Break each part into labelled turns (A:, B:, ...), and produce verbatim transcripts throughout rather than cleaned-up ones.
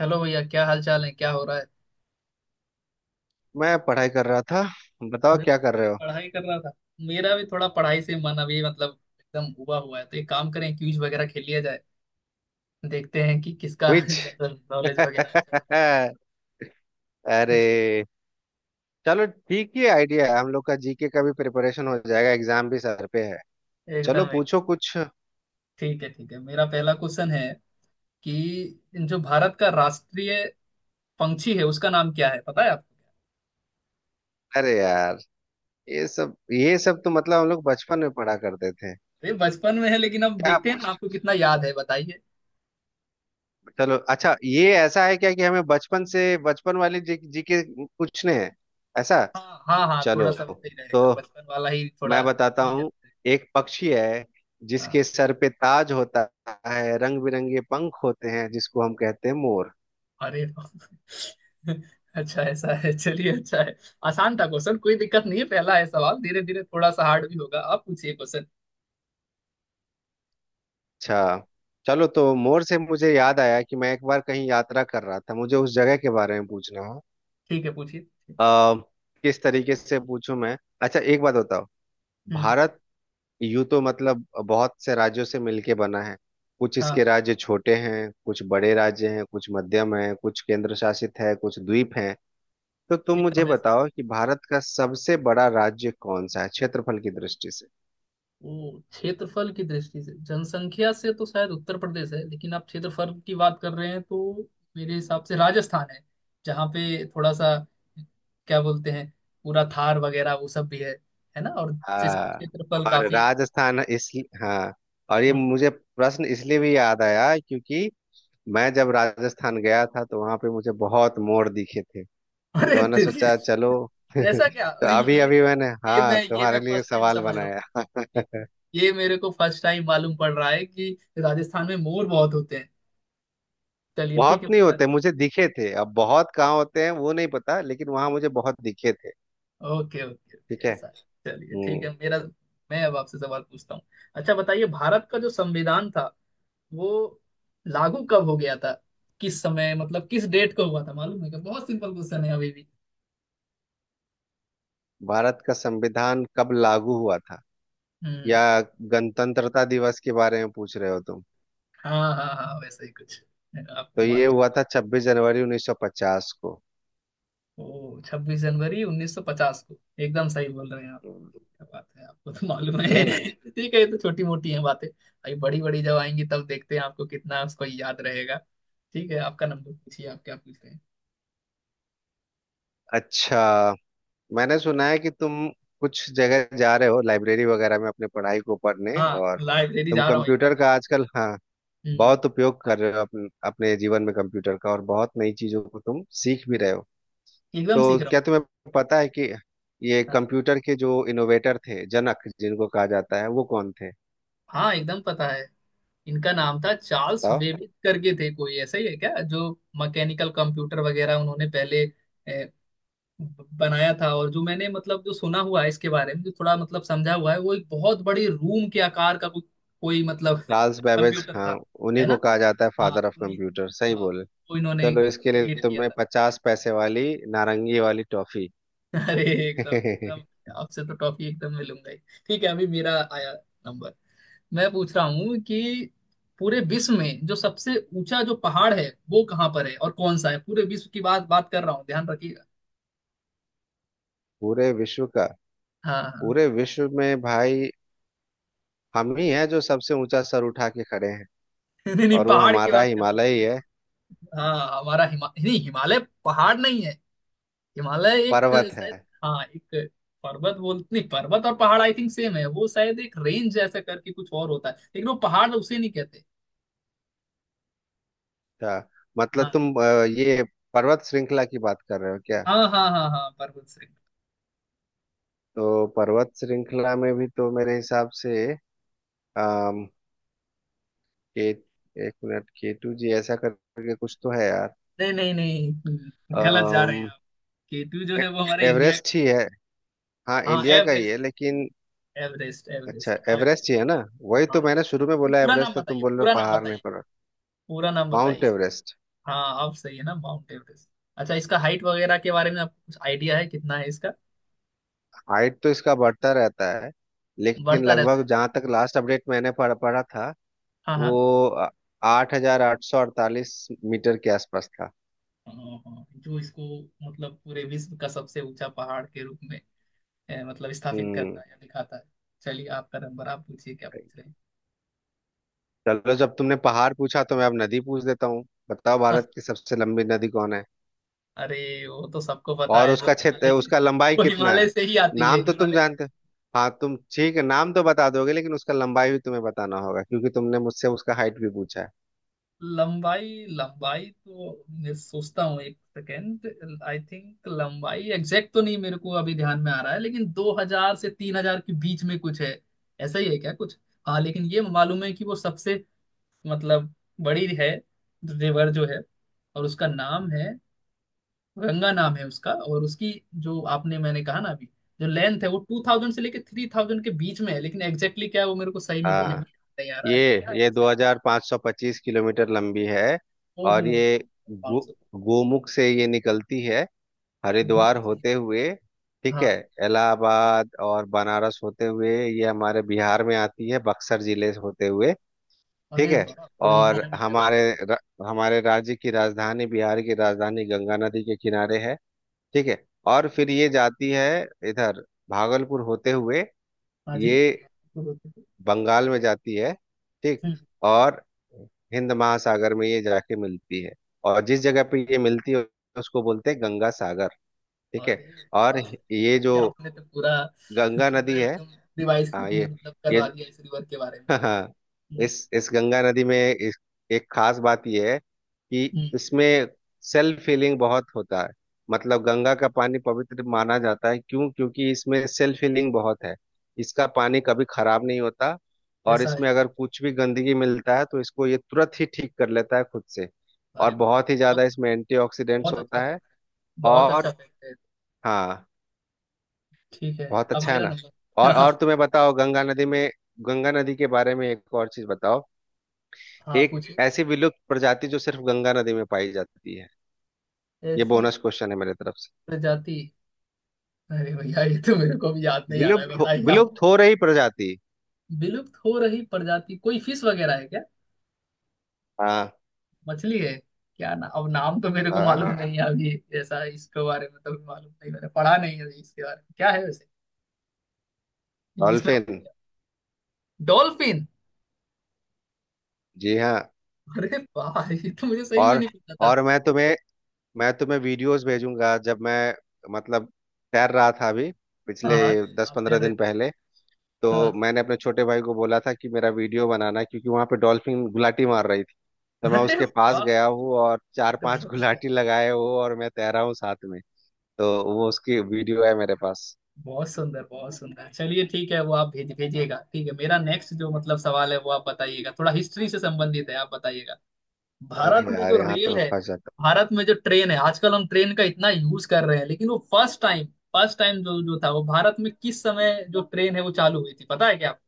A: Hello भैया, क्या हाल चाल है? क्या हो रहा है?
B: मैं पढ़ाई कर रहा था। बताओ
A: अरे
B: क्या कर रहे हो।
A: पढ़ाई कर रहा था। मेरा भी थोड़ा पढ़ाई से मन अभी मतलब एकदम उबा हुआ है, तो एक काम करें, क्विज वगैरह खेल लिया जाए। देखते हैं कि किसका
B: क्विज।
A: जनरल नॉलेज वगैरह अच्छा है।
B: अरे। चलो ठीक ही आइडिया है, हम लोग का जीके का भी प्रिपरेशन हो जाएगा, एग्जाम भी सर पे है। चलो
A: एकदम एक।
B: पूछो कुछ।
A: ठीक है ठीक है, मेरा पहला क्वेश्चन है कि जो भारत का राष्ट्रीय पंछी है, उसका नाम क्या है? पता है आपको?
B: अरे यार, ये सब ये सब तो मतलब हम लोग बचपन में पढ़ा करते थे।
A: अरे बचपन में है, लेकिन अब
B: क्या
A: देखते हैं
B: पूछ
A: ना,
B: रहे
A: आपको कितना याद है, बताइए।
B: हो? चलो। अच्छा, ये ऐसा है क्या कि हमें बचपन से बचपन वाले जी, जीके पूछने हैं? ऐसा?
A: हाँ हाँ हाँ, थोड़ा
B: चलो,
A: सा वैसे ही रहेगा,
B: तो
A: बचपन वाला ही थोड़ा
B: मैं बताता
A: easy
B: हूँ।
A: रहेगा।
B: एक पक्षी है जिसके सर पे ताज होता है, रंग बिरंगे पंख होते हैं, जिसको हम कहते हैं मोर।
A: अरे अच्छा ऐसा है, चलिए अच्छा है। आसान था क्वेश्चन, कोई दिक्कत नहीं है, पहला है सवाल। धीरे धीरे थोड़ा सा हार्ड भी होगा। आप पूछिए क्वेश्चन।
B: अच्छा। चलो, तो मोर से मुझे याद आया कि मैं एक बार कहीं यात्रा कर रहा था, मुझे उस जगह के बारे में पूछना है।
A: ठीक है पूछिए।
B: अ, किस तरीके से पूछूं मैं। अच्छा, एक बात बताओ।
A: हम्म।
B: भारत यूं तो मतलब बहुत से राज्यों से मिलके बना है। कुछ इसके
A: हाँ
B: राज्य छोटे हैं, कुछ बड़े राज्य हैं, कुछ मध्यम हैं, कुछ केंद्र शासित है, कुछ द्वीप हैं। तो तुम मुझे
A: एकदम ऐसा ही।
B: बताओ कि भारत का सबसे बड़ा राज्य कौन सा है क्षेत्रफल की दृष्टि से।
A: ओ, क्षेत्रफल की दृष्टि से? जनसंख्या से तो शायद उत्तर प्रदेश है, लेकिन आप क्षेत्रफल की बात कर रहे हैं तो मेरे हिसाब से राजस्थान है, जहाँ पे थोड़ा सा क्या बोलते हैं, पूरा थार वगैरह वो सब भी है है ना? और जिसका
B: हाँ।
A: क्षेत्रफल
B: और
A: काफी है।
B: राजस्थान इस। हाँ। और ये
A: हाँ।
B: मुझे प्रश्न इसलिए भी याद आया क्योंकि मैं जब राजस्थान गया था तो वहां पे मुझे बहुत मोर दिखे थे। तो
A: अरे
B: मैंने
A: तेरी!
B: सोचा चलो।
A: ऐसा क्या? अ,
B: तो
A: ये
B: अभी
A: ये
B: अभी मैंने,
A: ये
B: हाँ,
A: मैं ये मैं
B: तुम्हारे लिए
A: फर्स्ट टाइम
B: सवाल
A: समझ रहा हूँ।
B: बनाया।
A: ये, ये मेरे को फर्स्ट टाइम मालूम पड़ रहा है कि राजस्थान में मोर बहुत होते हैं। चलिए ठीक
B: बहुत
A: है
B: नहीं
A: मेरा।
B: होते, मुझे दिखे थे। अब बहुत कहाँ होते हैं वो नहीं पता, लेकिन वहां मुझे बहुत दिखे थे।
A: ओके ओके ओके,
B: ठीक है।
A: ऐसा है। चलिए ठीक
B: हम्म
A: है मेरा। मैं अब आपसे सवाल पूछता हूँ। अच्छा बताइए, भारत का जो संविधान था, वो लागू कब हो गया था? किस समय, मतलब किस डेट को हुआ था, मालूम है क्या? बहुत सिंपल क्वेश्चन है अभी भी।
B: भारत का संविधान कब लागू हुआ था,
A: हम्म।
B: या गणतंत्रता दिवस के बारे में पूछ रहे हो तुम?
A: हाँ हाँ हाँ, वैसे ही कुछ।
B: तो
A: आपको
B: ये
A: मालूम?
B: हुआ था छब्बीस जनवरी उन्नीस सौ पचास को।
A: ओ, छब्बीस जनवरी उन्नीस सौ पचास को। एकदम सही बोल रहे हैं आप।
B: हम्म,
A: क्या बात है, आपको तो मालूम
B: सही
A: है।
B: है ना?
A: ठीक है, ये तो छोटी मोटी है बातें, अभी बड़ी बड़ी जब आएंगी तब देखते हैं आपको कितना उसको याद रहेगा। ठीक है, आपका नंबर, पूछिए आप क्या पूछ रहे हैं।
B: अच्छा, मैंने सुना है कि तुम कुछ जगह जा रहे हो, लाइब्रेरी वगैरह में अपने पढ़ाई को पढ़ने।
A: हाँ
B: और
A: लाइब्रेरी
B: तुम
A: जा रहा हूँ,
B: कंप्यूटर
A: एकदम जा
B: का
A: रहा
B: आजकल, हाँ,
A: हूँ। हम्म,
B: बहुत उपयोग कर रहे हो अपने अपने जीवन में कंप्यूटर का, और बहुत नई चीजों को तुम सीख भी रहे हो।
A: एकदम
B: तो
A: सीख रहा
B: क्या तुम्हें पता है कि ये
A: हूँ।
B: कंप्यूटर के जो इनोवेटर थे, जनक जिनको कहा जाता है, वो कौन थे?
A: हाँ एकदम पता है। इनका नाम था चार्ल्स
B: बताओ।
A: वेबिज करके, थे कोई ऐसा ही है क्या, जो मैकेनिकल कंप्यूटर वगैरह उन्होंने पहले ब- बनाया था। और जो मैंने मतलब जो सुना हुआ है इसके बारे में, जो थोड़ा मतलब समझा हुआ है, वो एक बहुत बड़ी रूम के आकार का कोई कोई मतलब
B: चार्ल्स बेबेज,
A: कंप्यूटर
B: हाँ,
A: था।
B: उन्हीं
A: है
B: को
A: ना?
B: कहा जाता है
A: हाँ
B: फादर ऑफ
A: उन्हीं।
B: कंप्यूटर। सही
A: हाँ,
B: बोले?
A: वो इन्होंने
B: चलो, इसके लिए
A: क्रिएट किया
B: तुम्हें
A: था।
B: पचास पैसे वाली नारंगी वाली टॉफी।
A: अरे एकदम एकदम। आपसे तो टॉफी एकदम मिलूंगा ही। ठीक है, अभी मेरा आया नंबर। मैं पूछ रहा हूँ कि पूरे विश्व में जो सबसे ऊंचा जो पहाड़ है, वो कहाँ पर है और कौन सा है? पूरे विश्व की बात बात कर रहा हूँ, ध्यान रखिएगा।
B: पूरे विश्व का?
A: हाँ हाँ।
B: पूरे विश्व में भाई हम ही हैं जो सबसे ऊंचा सर उठा के खड़े हैं।
A: नहीं नहीं,
B: और वो
A: पहाड़ की
B: हमारा
A: बात कर रहा हूँ।
B: हिमालय ही है।
A: हाँ हमारा हिमा, नहीं हिमालय पहाड़ नहीं है, हिमालय एक
B: पर्वत
A: शायद।
B: है।
A: हाँ एक पर्वत, बोल नहीं पर्वत और पहाड़ आई थिंक सेम है, वो शायद एक रेंज जैसा करके कुछ और होता है, लेकिन वो पहाड़ उसे नहीं कहते।
B: अच्छा, मतलब
A: हाँ
B: तुम अ, ये पर्वत श्रृंखला की बात कर रहे हो क्या?
A: हाँ हाँ हाँ, हाँ पर्वत श्रृंग।
B: तो पर्वत श्रृंखला में भी तो मेरे हिसाब से अम, के एक मिनट, के टू, जी ऐसा करके कुछ तो है
A: नहीं नहीं नहीं, गलत जा रहे हैं
B: यार।
A: आप। केटू जो
B: ए-
A: है वो हमारे इंडिया का
B: एवरेस्ट ही है। हाँ,
A: हाँ
B: इंडिया का ही है
A: एवरेस्ट,
B: लेकिन।
A: एवरेस्ट
B: अच्छा
A: एवरेस्ट अब।
B: एवरेस्ट ही है ना? वही
A: हाँ
B: तो मैंने शुरू में बोला
A: पूरा नाम
B: एवरेस्ट, तो तुम
A: बताइए,
B: बोल रहे हो
A: पूरा नाम
B: पहाड़ नहीं
A: बताइए,
B: पर।
A: पूरा नाम बताइए।
B: Mount Everest.
A: हाँ आप सही है ना, माउंट एवरेस्ट। अच्छा इसका हाइट वगैरह के बारे में आपको कुछ आइडिया है, कितना है इसका?
B: हाइट तो इसका बढ़ता रहता है, लेकिन
A: बढ़ता रहता
B: लगभग
A: है?
B: जहाँ तक लास्ट अपडेट मैंने पढ़ पढ़ा था,
A: हाँ
B: वो
A: हाँ।
B: आठ हजार आठ सौ अड़तालीस मीटर के आसपास था।
A: हाँ, हाँ, जो इसको मतलब पूरे विश्व का सबसे ऊंचा पहाड़ के रूप में ए, मतलब स्थापित करता
B: हम्म
A: है या दिखाता है। चलिए आपका नंबर, आप पूछिए क्या पूछ रहे हैं।
B: चलो, जब तुमने पहाड़ पूछा तो मैं अब नदी पूछ देता हूँ। बताओ
A: हाँ,
B: भारत की सबसे लंबी नदी कौन है?
A: अरे वो तो सबको पता
B: और
A: है, जो
B: उसका क्षेत्र,
A: हिमालय के,
B: उसका लंबाई
A: वो
B: कितना है?
A: हिमालय से ही आती है,
B: नाम तो तुम
A: हिमालय के।
B: जानते हो। हाँ, तुम ठीक है, नाम तो बता दोगे, लेकिन उसका लंबाई भी तुम्हें बताना होगा क्योंकि तुमने मुझसे उसका हाइट भी पूछा है।
A: लंबाई लंबाई तो मैं सोचता हूँ, एक सेकेंड, आई थिंक लंबाई एग्जैक्ट तो नहीं मेरे को अभी ध्यान में आ रहा है, लेकिन दो हज़ार से तीन हज़ार के बीच में कुछ है, ऐसा ही है क्या कुछ? हाँ लेकिन ये मालूम है कि वो सबसे मतलब बड़ी है, रिवर जो है, और उसका नाम है, गंगा नाम है उसका। और उसकी, जो आपने मैंने कहा ना अभी, जो लेंथ है, वो टू थाउज़ेंड से लेके थ्री थाउज़ेंड के बीच में है, लेकिन एग्जैक्टली क्या है वो मेरे को सही में, भैया
B: हाँ,
A: नहीं आ रहा
B: ये
A: है, क्या है
B: ये
A: वैसे?
B: दो हज़ार पाँच सौ पच्चीस किलोमीटर लंबी है।
A: ओहो।
B: और ये गो,
A: पाँच सौ।
B: गोमुख से ये निकलती है,
A: दिल्ली
B: हरिद्वार
A: से।
B: होते हुए। ठीक
A: हाँ।
B: है। इलाहाबाद और बनारस होते हुए ये हमारे बिहार में आती है, बक्सर जिले से होते हुए। ठीक
A: अरे
B: है।
A: वाह, पूरे
B: और
A: इंडिया में ट्रेवल
B: हमारे
A: कर।
B: र, हमारे राज्य की राजधानी, बिहार की राजधानी गंगा नदी के किनारे है। ठीक है। और फिर ये जाती है इधर भागलपुर होते हुए,
A: हाँ जी।
B: ये बंगाल में जाती है। ठीक।
A: हम्म।
B: और हिंद महासागर में ये जाके मिलती है, और जिस जगह पे ये मिलती है उसको बोलते हैं गंगा सागर। ठीक है।
A: अरे
B: और
A: वाह,
B: ये जो
A: ये आपने तो पूरा
B: गंगा
A: पूरा
B: नदी है,
A: एकदम रिवाइज
B: हाँ, ये
A: मतलब
B: ये
A: करवा दिया इस रिवर के बारे में।
B: हाँ,
A: हम्म।
B: इस इस गंगा नदी में, इस, एक खास बात यह है कि
A: हम्म।
B: इसमें सेल्फ हीलिंग बहुत होता है। मतलब गंगा का पानी पवित्र माना जाता है, क्यों? क्योंकि इसमें सेल्फ हीलिंग बहुत है। इसका पानी कभी खराब नहीं होता, और
A: ऐसा है
B: इसमें
A: क्या?
B: अगर कुछ भी गंदगी मिलता है तो इसको ये तुरंत ही ठीक कर लेता है खुद से। और
A: अरे वाह,
B: बहुत ही
A: बहुत
B: ज्यादा इसमें एंटीऑक्सीडेंट्स
A: बहुत अच्छा
B: होता है।
A: फैक्ट है, बहुत अच्छा
B: और
A: फैक्ट है।
B: हाँ,
A: ठीक है,
B: बहुत
A: अब
B: अच्छा है
A: मेरा
B: ना?
A: नंबर।
B: और
A: हाँ।
B: और तुम्हें बताओ, गंगा नदी में, गंगा नदी के बारे में एक और चीज बताओ।
A: हाँ
B: एक
A: पूछिए।
B: ऐसी विलुप्त प्रजाति जो सिर्फ गंगा नदी में पाई जाती है। ये
A: ऐसी
B: बोनस क्वेश्चन है मेरे तरफ से।
A: प्रजाति? अरे भैया, ये तो मेरे को भी याद नहीं आ रहा है,
B: विलुप्त हो,
A: बताइए आप।
B: विलुप्त हो रही प्रजाति।
A: विलुप्त हो रही प्रजाति कोई फिश वगैरह है क्या?
B: हाँ।
A: मछली है क्या? ना अब नाम तो मेरे को मालूम
B: हाँ।
A: नहीं है अभी ऐसा। इसके बारे में तो अभी मालूम नहीं, मैंने पढ़ा नहीं है इसके बारे में, क्या है वैसे? इसमें
B: डॉल्फिन।
A: डॉल्फिन?
B: जी हाँ।
A: अरे वाह, ये तो मुझे सही में
B: और
A: नहीं पता था।
B: और मैं तुम्हें मैं तुम्हें वीडियोस भेजूंगा, जब मैं मतलब तैर रहा था अभी
A: हाँ
B: पिछले
A: हाँ।
B: दस
A: आप तैर
B: पंद्रह
A: रहे
B: दिन पहले।
A: थे।
B: तो
A: हाँ
B: मैंने अपने छोटे भाई को बोला था कि मेरा वीडियो बनाना क्योंकि वहां पे डॉल्फिन गुलाटी मार रही थी। तो मैं
A: अरे
B: उसके पास
A: वाह,
B: गया हूँ और चार
A: ये तो
B: पांच
A: बहुत अच्छा है।
B: गुलाटी लगाए हूँ और मैं तैरा हूँ साथ में। तो वो उसकी वीडियो है मेरे पास।
A: बहुत सुंदर, बहुत सुंदर। चलिए ठीक है, वो आप भेज भेजिएगा। ठीक है, मेरा नेक्स्ट जो मतलब सवाल है वो आप बताइएगा, थोड़ा हिस्ट्री से संबंधित है, आप बताइएगा। भारत
B: अरे
A: में
B: यार,
A: जो
B: यहाँ
A: रेल
B: तो
A: है
B: फंस जाता।
A: भारत में जो ट्रेन है, आजकल हम ट्रेन का इतना यूज कर रहे हैं, लेकिन वो फर्स्ट टाइम फर्स्ट टाइम जो जो था, वो भारत में किस समय, जो ट्रेन है वो चालू हुई थी, पता है क्या आपको?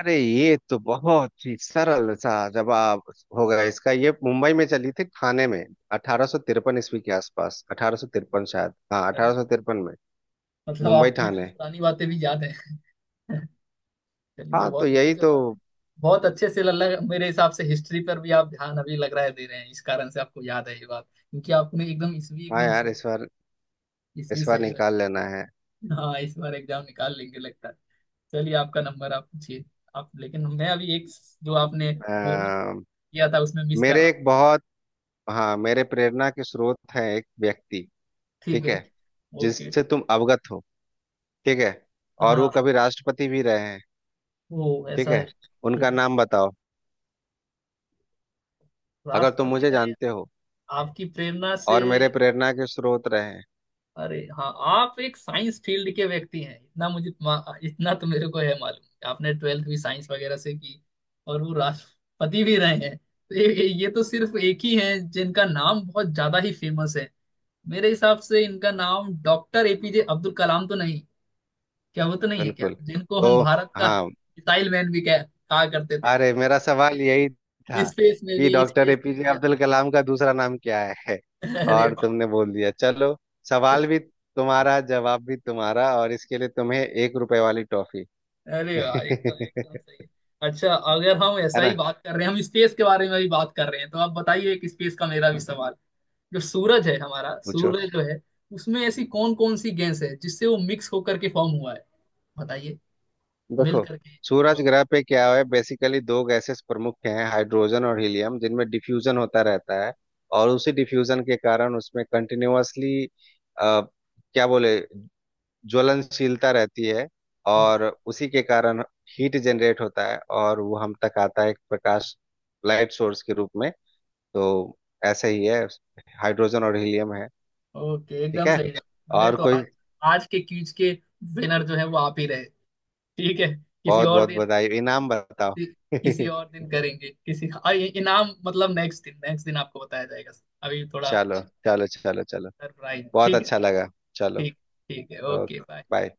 B: अरे, ये तो बहुत ही सरल सा जवाब होगा इसका। ये मुंबई में चली थी, ठाणे में, अठारह सौ तिरपन ईस्वी के आसपास। अठारह सौ तिरपन, शायद, हाँ,
A: अरे
B: अठारह सौ तिरपन में।
A: मतलब
B: मुंबई,
A: आपको इतनी
B: ठाणे।
A: पुरानी बातें भी याद है। चलिए
B: हाँ, तो
A: बहुत अच्छे
B: यही
A: से
B: तो।
A: बात, बहुत अच्छे से लग, मेरे हिसाब से हिस्ट्री पर भी आप ध्यान अभी लग रहा है दे रहे हैं, इस कारण से आपको याद है ये बात, क्योंकि आपने एकदम इसवी
B: हाँ
A: एकदम
B: यार,
A: सही
B: इस बार
A: इसवी
B: इस बार
A: सही रख-
B: निकाल लेना है।
A: हाँ इस बार एग्जाम निकाल लेंगे लगता है। चलिए आपका नंबर आप पूछिए। आप, लेकिन मैं अभी एक जो आपने बोला
B: आ,
A: किया था उसमें मिस कर
B: मेरे
A: रहा हूँ।
B: एक बहुत, हाँ, मेरे प्रेरणा के स्रोत हैं एक व्यक्ति।
A: ठीक
B: ठीक
A: है।
B: है,
A: ओके।
B: जिससे तुम अवगत हो। ठीक है। और वो
A: हाँ
B: कभी राष्ट्रपति भी रहे हैं।
A: वो
B: ठीक
A: ऐसा
B: है।
A: है
B: उनका
A: ठीक है।
B: नाम बताओ, अगर तुम
A: राष्ट्रपति
B: मुझे
A: रहे?
B: जानते हो
A: आपकी प्रेरणा से?
B: और मेरे प्रेरणा के स्रोत रहे हैं।
A: अरे हाँ, आप एक साइंस फील्ड के व्यक्ति हैं, इतना मुझे मा- इतना तो मेरे को है मालूम, आपने ट्वेल्थ भी साइंस वगैरह से की। और वो राष्ट्रपति भी रहे हैं, तो ये, ये तो सिर्फ एक ही है जिनका नाम बहुत ज्यादा ही फेमस है, मेरे हिसाब से। इनका नाम डॉक्टर एपीजे अब्दुल कलाम तो नहीं? क्या वो तो नहीं है क्या,
B: बिल्कुल।
A: जिनको
B: तो
A: हम भारत का
B: हाँ।
A: मिसाइल मैन भी कह कहा करते थे?
B: अरे, मेरा सवाल यही था
A: स्पेस में
B: कि
A: भी,
B: डॉक्टर
A: स्पेस में
B: एपीजे
A: भी।
B: अब्दुल कलाम का दूसरा नाम क्या है।
A: अरे
B: और
A: बाप
B: तुमने बोल दिया। चलो,
A: रे!
B: सवाल भी तुम्हारा, जवाब भी तुम्हारा, और इसके लिए तुम्हें एक रुपए वाली टॉफी।
A: अरे वाह एकदम एकदम सही
B: है
A: है। अच्छा, अगर हम ऐसा
B: ना?
A: ही बात कर रहे हैं, हम स्पेस के बारे में भी बात कर रहे हैं, तो आप बताइए, एक स्पेस का मेरा भी सवाल। जो सूरज है, हमारा
B: पूछो।
A: सूर्य जो है, उसमें ऐसी कौन कौन सी गैस है जिससे वो मिक्स होकर के फॉर्म हुआ है, बताइए। मिल
B: देखो,
A: करके।
B: सूरज
A: जो
B: ग्रह पे क्या है बेसिकली, दो गैसेस प्रमुख हैं, हाइड्रोजन और हीलियम, जिनमें डिफ्यूजन होता रहता है। और उसी डिफ्यूजन के कारण उसमें कंटिन्यूअसली, क्या बोले, ज्वलनशीलता रहती है।
A: ओ-
B: और उसी के कारण हीट जनरेट होता है, और वो हम तक आता है एक प्रकाश, लाइट सोर्स के रूप में। तो ऐसे ही है, हाइड्रोजन और हीलियम है।
A: ओके
B: ठीक
A: एकदम
B: है।
A: सही है। अरे
B: और
A: तो आज,
B: कोई,
A: आज के क्यूज के विनर जो है वो आप ही रहे, ठीक है? किसी
B: बहुत
A: और तो
B: बहुत
A: दिन,
B: बधाई। इनाम बताओ।
A: किसी किसी और दिन करेंगे, किसी और, ये इनाम मतलब नेक्स्ट दिन, नेक्स्ट दिन आपको बताया जाएगा। अभी थोड़ा
B: चलो चलो चलो चलो।
A: सरप्राइज।
B: बहुत
A: ठीक है।
B: अच्छा
A: ठीक
B: लगा। चलो।
A: ठीक ठीक है।
B: Okay
A: okay bye.
B: बाय।